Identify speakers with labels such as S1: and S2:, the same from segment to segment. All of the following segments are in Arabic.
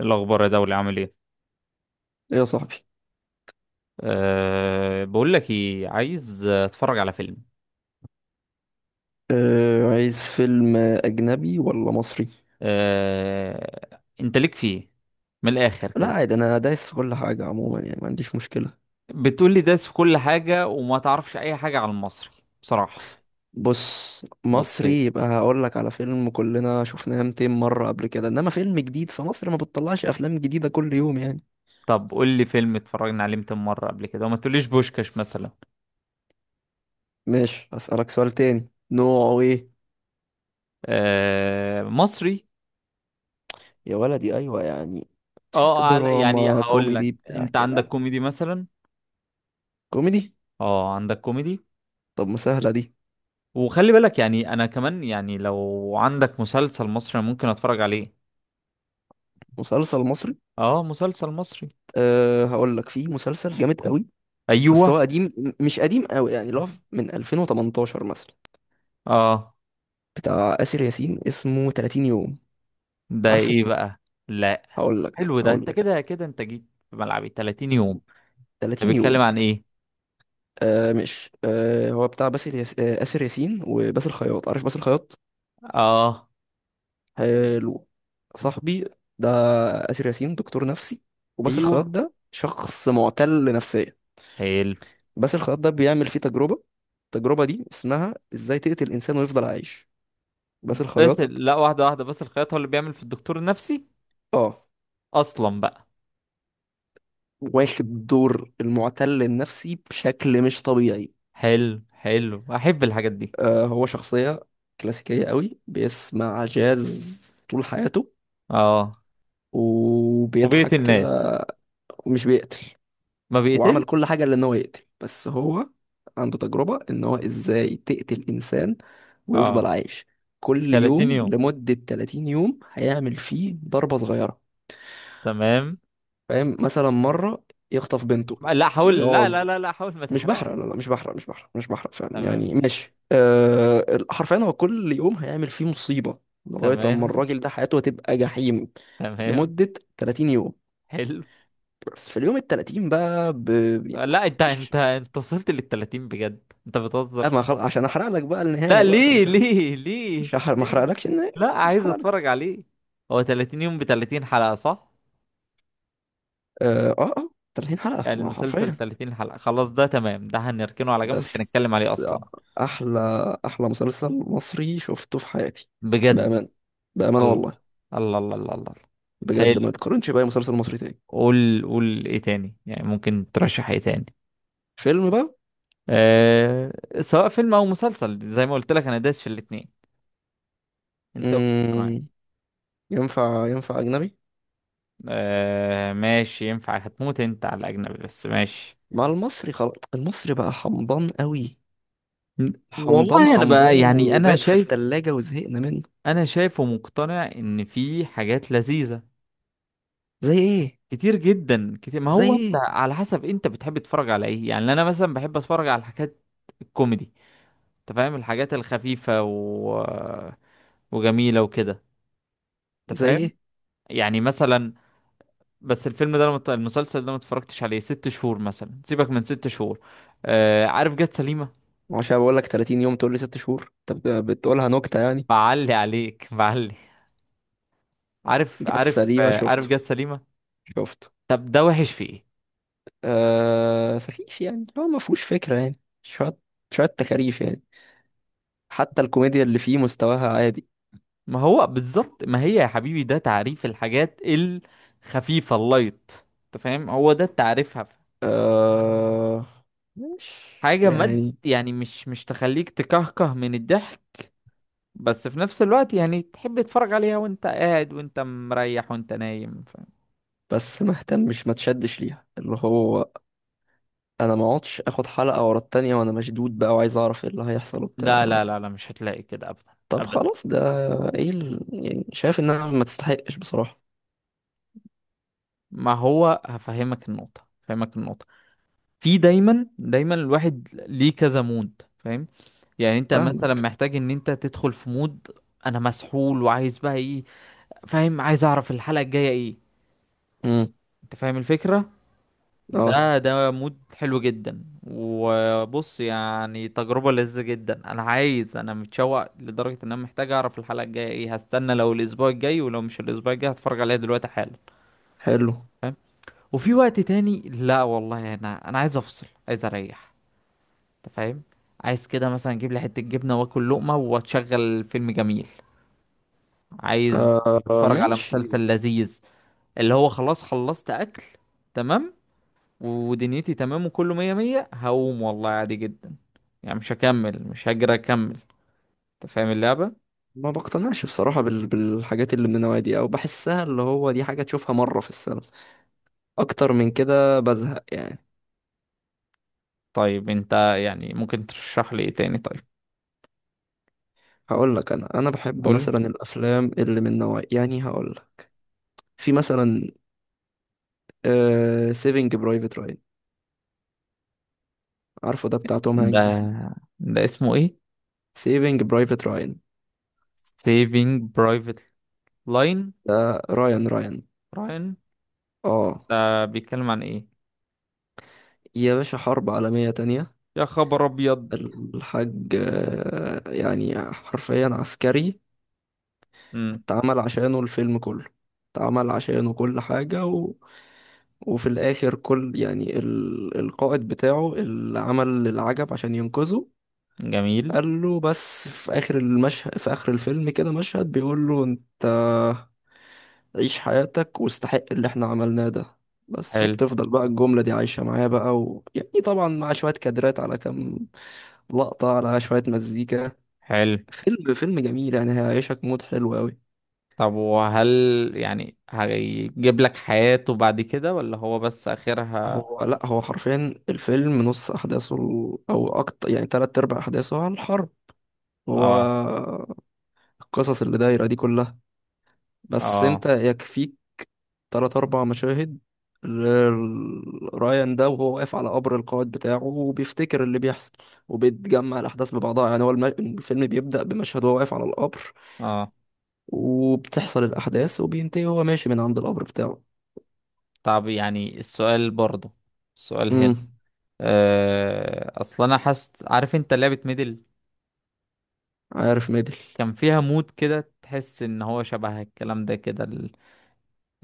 S1: الأخبار يا دولي عامل إيه؟
S2: ايه يا صاحبي.
S1: أه بقول لك إيه، عايز أتفرج على فيلم.
S2: أه، عايز فيلم اجنبي ولا مصري؟
S1: أه أنت ليك فيه من الآخر
S2: لا
S1: كده.
S2: عادي، انا دايس في كل حاجه عموما يعني ما عنديش مشكله.
S1: بتقول لي داس في كل حاجة وما تعرفش أي حاجة على المصري، بصراحة.
S2: بص،
S1: بطيء.
S2: مصري يبقى هقول لك على فيلم كلنا شفناه 200 مره قبل كده، انما فيلم جديد فمصر ما بتطلعش افلام جديده كل يوم يعني.
S1: طب قول لي فيلم اتفرجنا عليه 200 مرة قبل كده وما تقوليش بوشكاش مثلا.
S2: ماشي، اسالك سؤال تاني نوعه ايه؟
S1: أه مصري.
S2: يا ولدي ايوه يعني.
S1: اه على يعني
S2: دراما
S1: هقول لك،
S2: كوميدي بتاع
S1: أنت
S2: كده،
S1: عندك كوميدي مثلا؟
S2: كوميدي.
S1: اه عندك كوميدي.
S2: طب ما سهله دي.
S1: وخلي بالك يعني أنا كمان يعني لو عندك مسلسل مصري أنا ممكن أتفرج عليه.
S2: مسلسل مصري؟
S1: اه مسلسل مصري.
S2: أه هقول لك، في مسلسل جامد قوي. بس
S1: ايوه.
S2: هو قديم، مش قديم قوي، يعني اللي هو من 2018 مثلا.
S1: اه.
S2: بتاع آسر ياسين، اسمه 30 يوم.
S1: ده
S2: عارفه؟
S1: ايه بقى؟ لا.
S2: هقول لك
S1: حلو ده،
S2: هقول
S1: انت
S2: لك
S1: كده كده انت جيت في ملعبي. 30 يوم. ده
S2: 30
S1: بيتكلم
S2: يوم.
S1: عن ايه؟
S2: آه مش آه هو بتاع باسل ياس... آه آسر ياسين وباسل خياط. عارف باسل خياط؟
S1: اه.
S2: حلو. صاحبي ده، آسر ياسين، دكتور نفسي. وباسل
S1: ايوه.
S2: خياط ده شخص معتل نفسيا.
S1: حلو.
S2: باسل خياط ده بيعمل فيه تجربة. التجربة دي اسمها ازاي تقتل انسان ويفضل عايش. باسل
S1: بس
S2: خياط
S1: لا، واحده واحده بس، الخياط هو اللي بيعمل في الدكتور النفسي
S2: اه،
S1: اصلا بقى.
S2: واخد دور المعتل النفسي بشكل مش طبيعي.
S1: حلو حلو، احب الحاجات دي.
S2: آه، هو شخصية كلاسيكية قوي، بيسمع جاز طول حياته
S1: اه. وبيقتل
S2: وبيضحك
S1: الناس؟
S2: كده. ومش بيقتل.
S1: ما
S2: هو عمل
S1: بيقتل.
S2: كل حاجة لأن هو يقتل، بس هو عنده تجربة إن هو إزاي تقتل إنسان ويفضل
S1: اه.
S2: عايش.
S1: في
S2: كل
S1: 30
S2: يوم
S1: يوم.
S2: لمدة 30 يوم هيعمل فيه ضربة صغيرة.
S1: تمام.
S2: فاهم؟ مثلا مرة يخطف بنته
S1: لا حاول، لا لا
S2: ويقعد.
S1: لا لا حاول ما
S2: مش
S1: تحرقش.
S2: بحرق، لا لا، مش بحرق، مش بحرق، مش بحرق فعلا
S1: تمام
S2: يعني.
S1: ماشي.
S2: ماشي أه. حرفيا هو كل يوم هيعمل فيه مصيبة لغاية أما
S1: تمام.
S2: الراجل ده حياته هتبقى جحيم
S1: تمام.
S2: لمدة 30 يوم.
S1: حلو.
S2: بس في اليوم ال 30 بقى يعني
S1: لا انت
S2: مش...
S1: انت انت وصلت للتلاتين؟ بجد انت بتهزر.
S2: أما خل... عشان أحرق لك بقى
S1: لا
S2: النهاية بقى،
S1: ليه ليه ليه
S2: مش هحرق. ما
S1: ليه؟
S2: أحرقلكش النهاية،
S1: لا
S2: خلاص مش
S1: عايز
S2: هحرق لك.
S1: اتفرج عليه. هو 30 يوم ب 30 حلقة صح؟
S2: أه أه آه، 30 حلقة،
S1: يعني
S2: ما هو
S1: المسلسل
S2: حرفيا.
S1: 30 حلقة خلاص؟ ده تمام، ده هنركنه على جنب مش
S2: بس
S1: هنتكلم عليه اصلا.
S2: أحلى أحلى مسلسل مصري شفته في حياتي.
S1: بجد.
S2: بأمان بأمانة
S1: الله.
S2: والله.
S1: الله الله الله، الله. حلو.
S2: بجد ما يتقارنش بأي مسلسل مصري تاني.
S1: قول قول ايه تاني، يعني ممكن ترشح ايه تاني؟
S2: فيلم بقى.
S1: أه... سواء فيلم او مسلسل، زي ما قلت لك انا دايس في الاتنين. انت قول. معايا.
S2: مم. ينفع أجنبي؟
S1: آه ماشي ينفع، هتموت انت على الاجنبي بس ماشي.
S2: مع المصري خلاص، المصري بقى حمضان قوي. حمضان
S1: والله انا بقى
S2: حمضان
S1: يعني انا
S2: وبات في
S1: شايف،
S2: التلاجة وزهقنا منه.
S1: انا شايف ومقتنع ان في حاجات لذيذة
S2: زي ايه؟
S1: كتير جدا، كتير. ما
S2: زي
S1: هو انت
S2: ايه؟
S1: على حسب انت بتحب تتفرج على ايه. يعني انا مثلا بحب اتفرج على الحاجات الكوميدي. انت فاهم، الحاجات الخفيفة وجميلة وكده. انت
S2: زي
S1: فاهم؟
S2: ايه؟
S1: يعني مثلا. بس الفيلم ده المسلسل ده ما اتفرجتش عليه ست شهور مثلا، سيبك من ست شهور. آه عارف، جت سليمة.
S2: عشان بقول لك 30 يوم تقول لي 6 شهور؟ طب ده بتقولها نكتة يعني.
S1: بعلي عليك بعلي. عارف
S2: جت
S1: عارف
S2: سليمة؟
S1: آه، عارف
S2: شفته
S1: جت سليمة.
S2: شفته
S1: طب ده وحش في ايه؟
S2: آه سخيف، يعني هو ما فيهوش فكرة، يعني شوية شوية تكاريف يعني. حتى الكوميديا اللي فيه مستواها عادي.
S1: ما هو بالظبط، ما هي يا حبيبي ده تعريف الحاجات الخفيفة، اللايت. انت فاهم؟ هو ده تعريفها.
S2: آه. مش.
S1: حاجة مد
S2: يعني.
S1: يعني مش تخليك تكهكه من الضحك، بس في نفس الوقت يعني تحب تتفرج عليها وانت قاعد وانت مريح وانت نايم. فاهم؟
S2: بس ما اهتمش، ما تشدش ليها، اللي هو انا ما اقعدش اخد حلقة ورا التانية وانا مشدود بقى وعايز اعرف ايه اللي هيحصل وبتاع.
S1: لا لا لا لا مش هتلاقي كده ابدا.
S2: طب
S1: ابدا.
S2: خلاص ده يعني شايف انها ما تستحقش بصراحة.
S1: ما هو هفهمك النقطة، هفهمك النقطة. في دايما دايما الواحد ليه كذا مود. فاهم؟ يعني انت مثلا
S2: فاهمك.
S1: محتاج ان انت تدخل في مود. انا مسحول وعايز بقى ايه. فاهم؟ عايز اعرف الحلقة الجاية ايه.
S2: امم.
S1: انت فاهم الفكرة.
S2: اه
S1: ده ده مود حلو جدا. وبص، يعني تجربة لذة جدا، انا عايز، انا متشوق لدرجة ان انا محتاج اعرف الحلقة الجاية ايه، هستنى لو الاسبوع الجاي ولو مش الاسبوع الجاي هتفرج عليها دلوقتي حالا.
S2: حلو.
S1: فاهم؟ وفي وقت تاني لا والله، انا عايز افصل، عايز اريح. انت فاهم؟ عايز كده مثلا اجيب لي حتة جبنة واكل لقمة واتشغل فيلم جميل. عايز
S2: آه
S1: اتفرج على
S2: ماشي.
S1: مسلسل لذيذ، اللي هو خلاص خلصت اكل، تمام، ودنيتي تمام، وكله مية مية، هقوم والله عادي جدا. يعني مش هكمل، مش هجري اكمل. انت فاهم اللعبة.
S2: ما بقتنعش بصراحة بالحاجات اللي من النوع دي، او بحسها اللي هو دي حاجة تشوفها مرة في السنة، اكتر من كده بزهق يعني.
S1: طيب انت يعني ممكن ترشح لي ايه تاني طيب؟
S2: هقول لك، انا بحب
S1: قول.
S2: مثلا الافلام اللي من نوع، يعني هقول لك، في مثلا سيفنج برايفت رايان. عارفه؟ ده بتاع توم
S1: ده.
S2: هانكس.
S1: ده اسمه ايه؟
S2: سيفينج برايفت راين.
S1: Saving Private Line.
S2: ده رايان رايان.
S1: راين.
S2: اه.
S1: ده بيتكلم عن ايه؟
S2: يا باشا حرب عالمية تانية.
S1: يا خبر ابيض.
S2: الحاج آه، يعني حرفيا عسكري
S1: امم.
S2: اتعمل عشانه الفيلم كله، اتعمل عشانه كل حاجة وفي الآخر كل يعني القائد بتاعه اللي عمل العجب عشان ينقذه
S1: جميل.
S2: قال له، بس في اخر المشهد، في اخر الفيلم كده مشهد بيقول له، انت عيش حياتك واستحق اللي احنا عملناه ده. بس
S1: حلو.
S2: فبتفضل بقى الجملة دي عايشة معايا بقى، ويعني طبعا مع شوية كادرات على كام لقطة، على شوية مزيكا.
S1: حلو.
S2: فيلم جميل، يعني هيعيشك مود حلو قوي.
S1: طب وهل يعني هيجيب لك حياته بعد كده ولا هو بس آخرها؟
S2: هو لا، هو حرفيا الفيلم نص او اكتر، يعني تلات ارباع احداثه، على الحرب. هو
S1: اه.
S2: القصص اللي دايرة دي كلها. بس انت
S1: اه.
S2: يكفيك تلات أربع مشاهد. رايان ده وهو واقف على قبر القائد بتاعه وبيفتكر اللي بيحصل، وبيتجمع الأحداث ببعضها. يعني هو الفيلم بيبدأ بمشهد وهو واقف على القبر،
S1: اه.
S2: وبتحصل الأحداث، وبينتهي وهو ماشي من عند القبر بتاعه.
S1: طب يعني السؤال برضه، السؤال هنا،
S2: امم.
S1: آه اصل انا حاسس، عارف انت لعبة ميدل،
S2: عارف ميدل؟
S1: كان فيها مود كده تحس ان هو شبه الكلام ده كده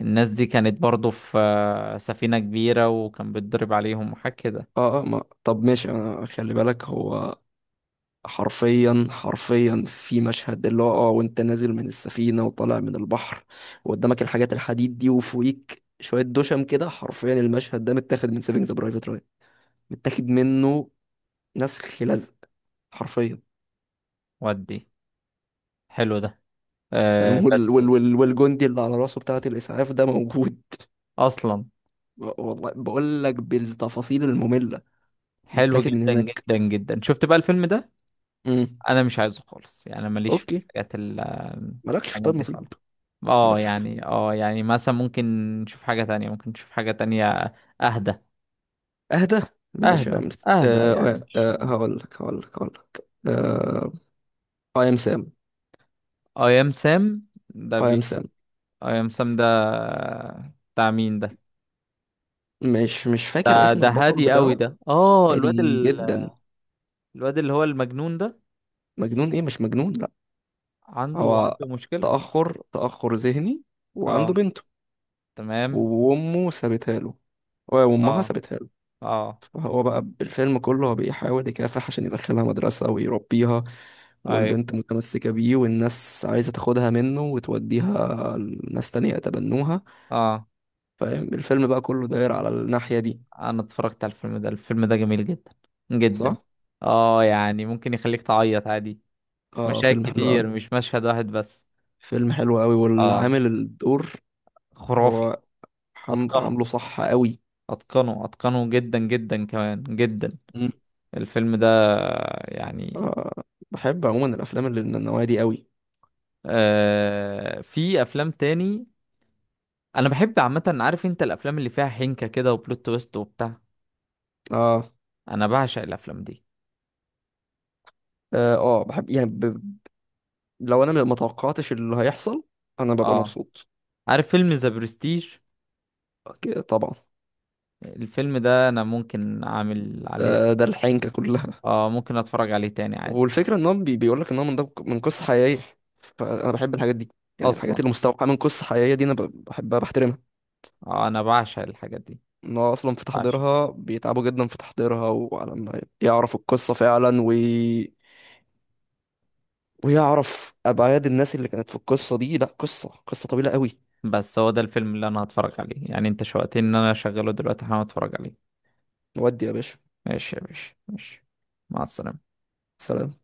S1: الناس دي كانت برضه في آه، سفينة كبيرة وكان بيتضرب عليهم وحاجة كده.
S2: اه اه. ما طب ماشي، انا خلي بالك، هو حرفيا حرفيا في مشهد اللي هو وانت نازل من السفينة وطالع من البحر، وقدامك الحاجات الحديد دي، وفوقيك شوية دشم كده، حرفيا المشهد ده متاخد من سيفنج ذا برايفت رايان. متاخد منه، نسخ لزق، حرفيا.
S1: ودي. حلو ده. آه
S2: فاهم؟
S1: بس.
S2: والجندي اللي على راسه بتاعة الإسعاف ده موجود.
S1: اصلا.
S2: والله بقول لك بالتفاصيل المملة.
S1: حلو
S2: متاخد من
S1: جدا
S2: هناك.
S1: جدا جدا. شفت بقى الفيلم ده؟
S2: امم.
S1: انا مش عايزه خالص يعني، أنا ماليش في
S2: اوكي.
S1: الحاجات
S2: مالكش في
S1: الحاجات
S2: طب
S1: دي
S2: نصيب.
S1: خالص. اه
S2: مالكش في طب.
S1: يعني اه يعني مثلا ممكن نشوف حاجة تانية، ممكن نشوف حاجة تانية. اهدى.
S2: اهدى. ماشي يا
S1: اهدى
S2: عم.
S1: اهدى يعني مش.
S2: هقول لك, اي ام سام.
S1: اي ام سام. ده
S2: اي ام
S1: بي.
S2: سام.
S1: اي ام سام. ده بتاع مين ده؟
S2: مش فاكر
S1: ده
S2: اسم
S1: ده
S2: البطل
S1: هادي قوي
S2: بتاعه.
S1: ده، اه الواد
S2: هادي جدا.
S1: الواد اللي هو المجنون ده.
S2: مجنون ايه؟ مش مجنون لا.
S1: عنده
S2: هو
S1: عنده مشكلة.
S2: تأخر ذهني، وعنده
S1: اه.
S2: بنته،
S1: تمام.
S2: وامه سابتها له، وامها
S1: اه.
S2: سابتها له.
S1: اه.
S2: فهو بقى الفيلم كله هو بيحاول يكافح عشان يدخلها مدرسة ويربيها،
S1: ايوه.
S2: والبنت متمسكة بيه، والناس عايزة تاخدها منه وتوديها لناس تانية يتبنوها.
S1: اه.
S2: فاهم؟ الفيلم بقى كله داير على الناحية دي.
S1: انا اتفرجت على الفيلم ده، الفيلم ده جميل جدا جدا.
S2: صح؟
S1: اه يعني ممكن يخليك تعيط عادي، في
S2: اه
S1: مشاهد
S2: فيلم حلو
S1: كتير
S2: قوي.
S1: مش مشهد واحد بس.
S2: فيلم حلو قوي.
S1: اه.
S2: والعامل الدور
S1: خرافي.
S2: هو
S1: اتقنه
S2: عامله صح قوي.
S1: اتقنه اتقنه جدا جدا كمان جدا.
S2: مم.
S1: الفيلم ده. يعني.
S2: آه بحب عموما الافلام اللي من النوعيه دي قوي.
S1: آه في افلام تاني. انا بحب عامه، عارف انت الافلام اللي فيها حنكه كده وبلوت تويست وبتاع.
S2: اه
S1: انا بعشق الافلام دي.
S2: بحب يعني لو انا ما توقعتش اللي هيحصل، انا ببقى
S1: اه
S2: مبسوط.
S1: عارف فيلم ذا برستيج؟
S2: أوكي، طبعا.
S1: الفيلم ده انا ممكن اعمل عليه.
S2: ده الحنكه كلها.
S1: اه ممكن اتفرج عليه تاني عادي.
S2: والفكره ان هو بيقول لك ان هو من قصه حقيقيه. فانا بحب الحاجات دي، يعني الحاجات
S1: اصلا.
S2: اللي مستوحاه من قصه حقيقيه دي، انا بحبها بحترمها.
S1: آه انا بعشق الحاجات دي.
S2: ان هو اصلا في
S1: بعشق.
S2: تحضيرها بيتعبوا جدا في تحضيرها، وعلى ما يعرفوا القصه فعلا ويعرف ابعاد الناس اللي كانت في القصه دي، لا قصه طويله قوي.
S1: بس هو ده الفيلم اللي انا هتفرج عليه، يعني انت شوقتني ان انا اشغله دلوقتي، هقوم اتفرج عليه.
S2: نودي يا باشا.
S1: ماشي يا باشا، ماشي. مع السلامة.
S2: سلام.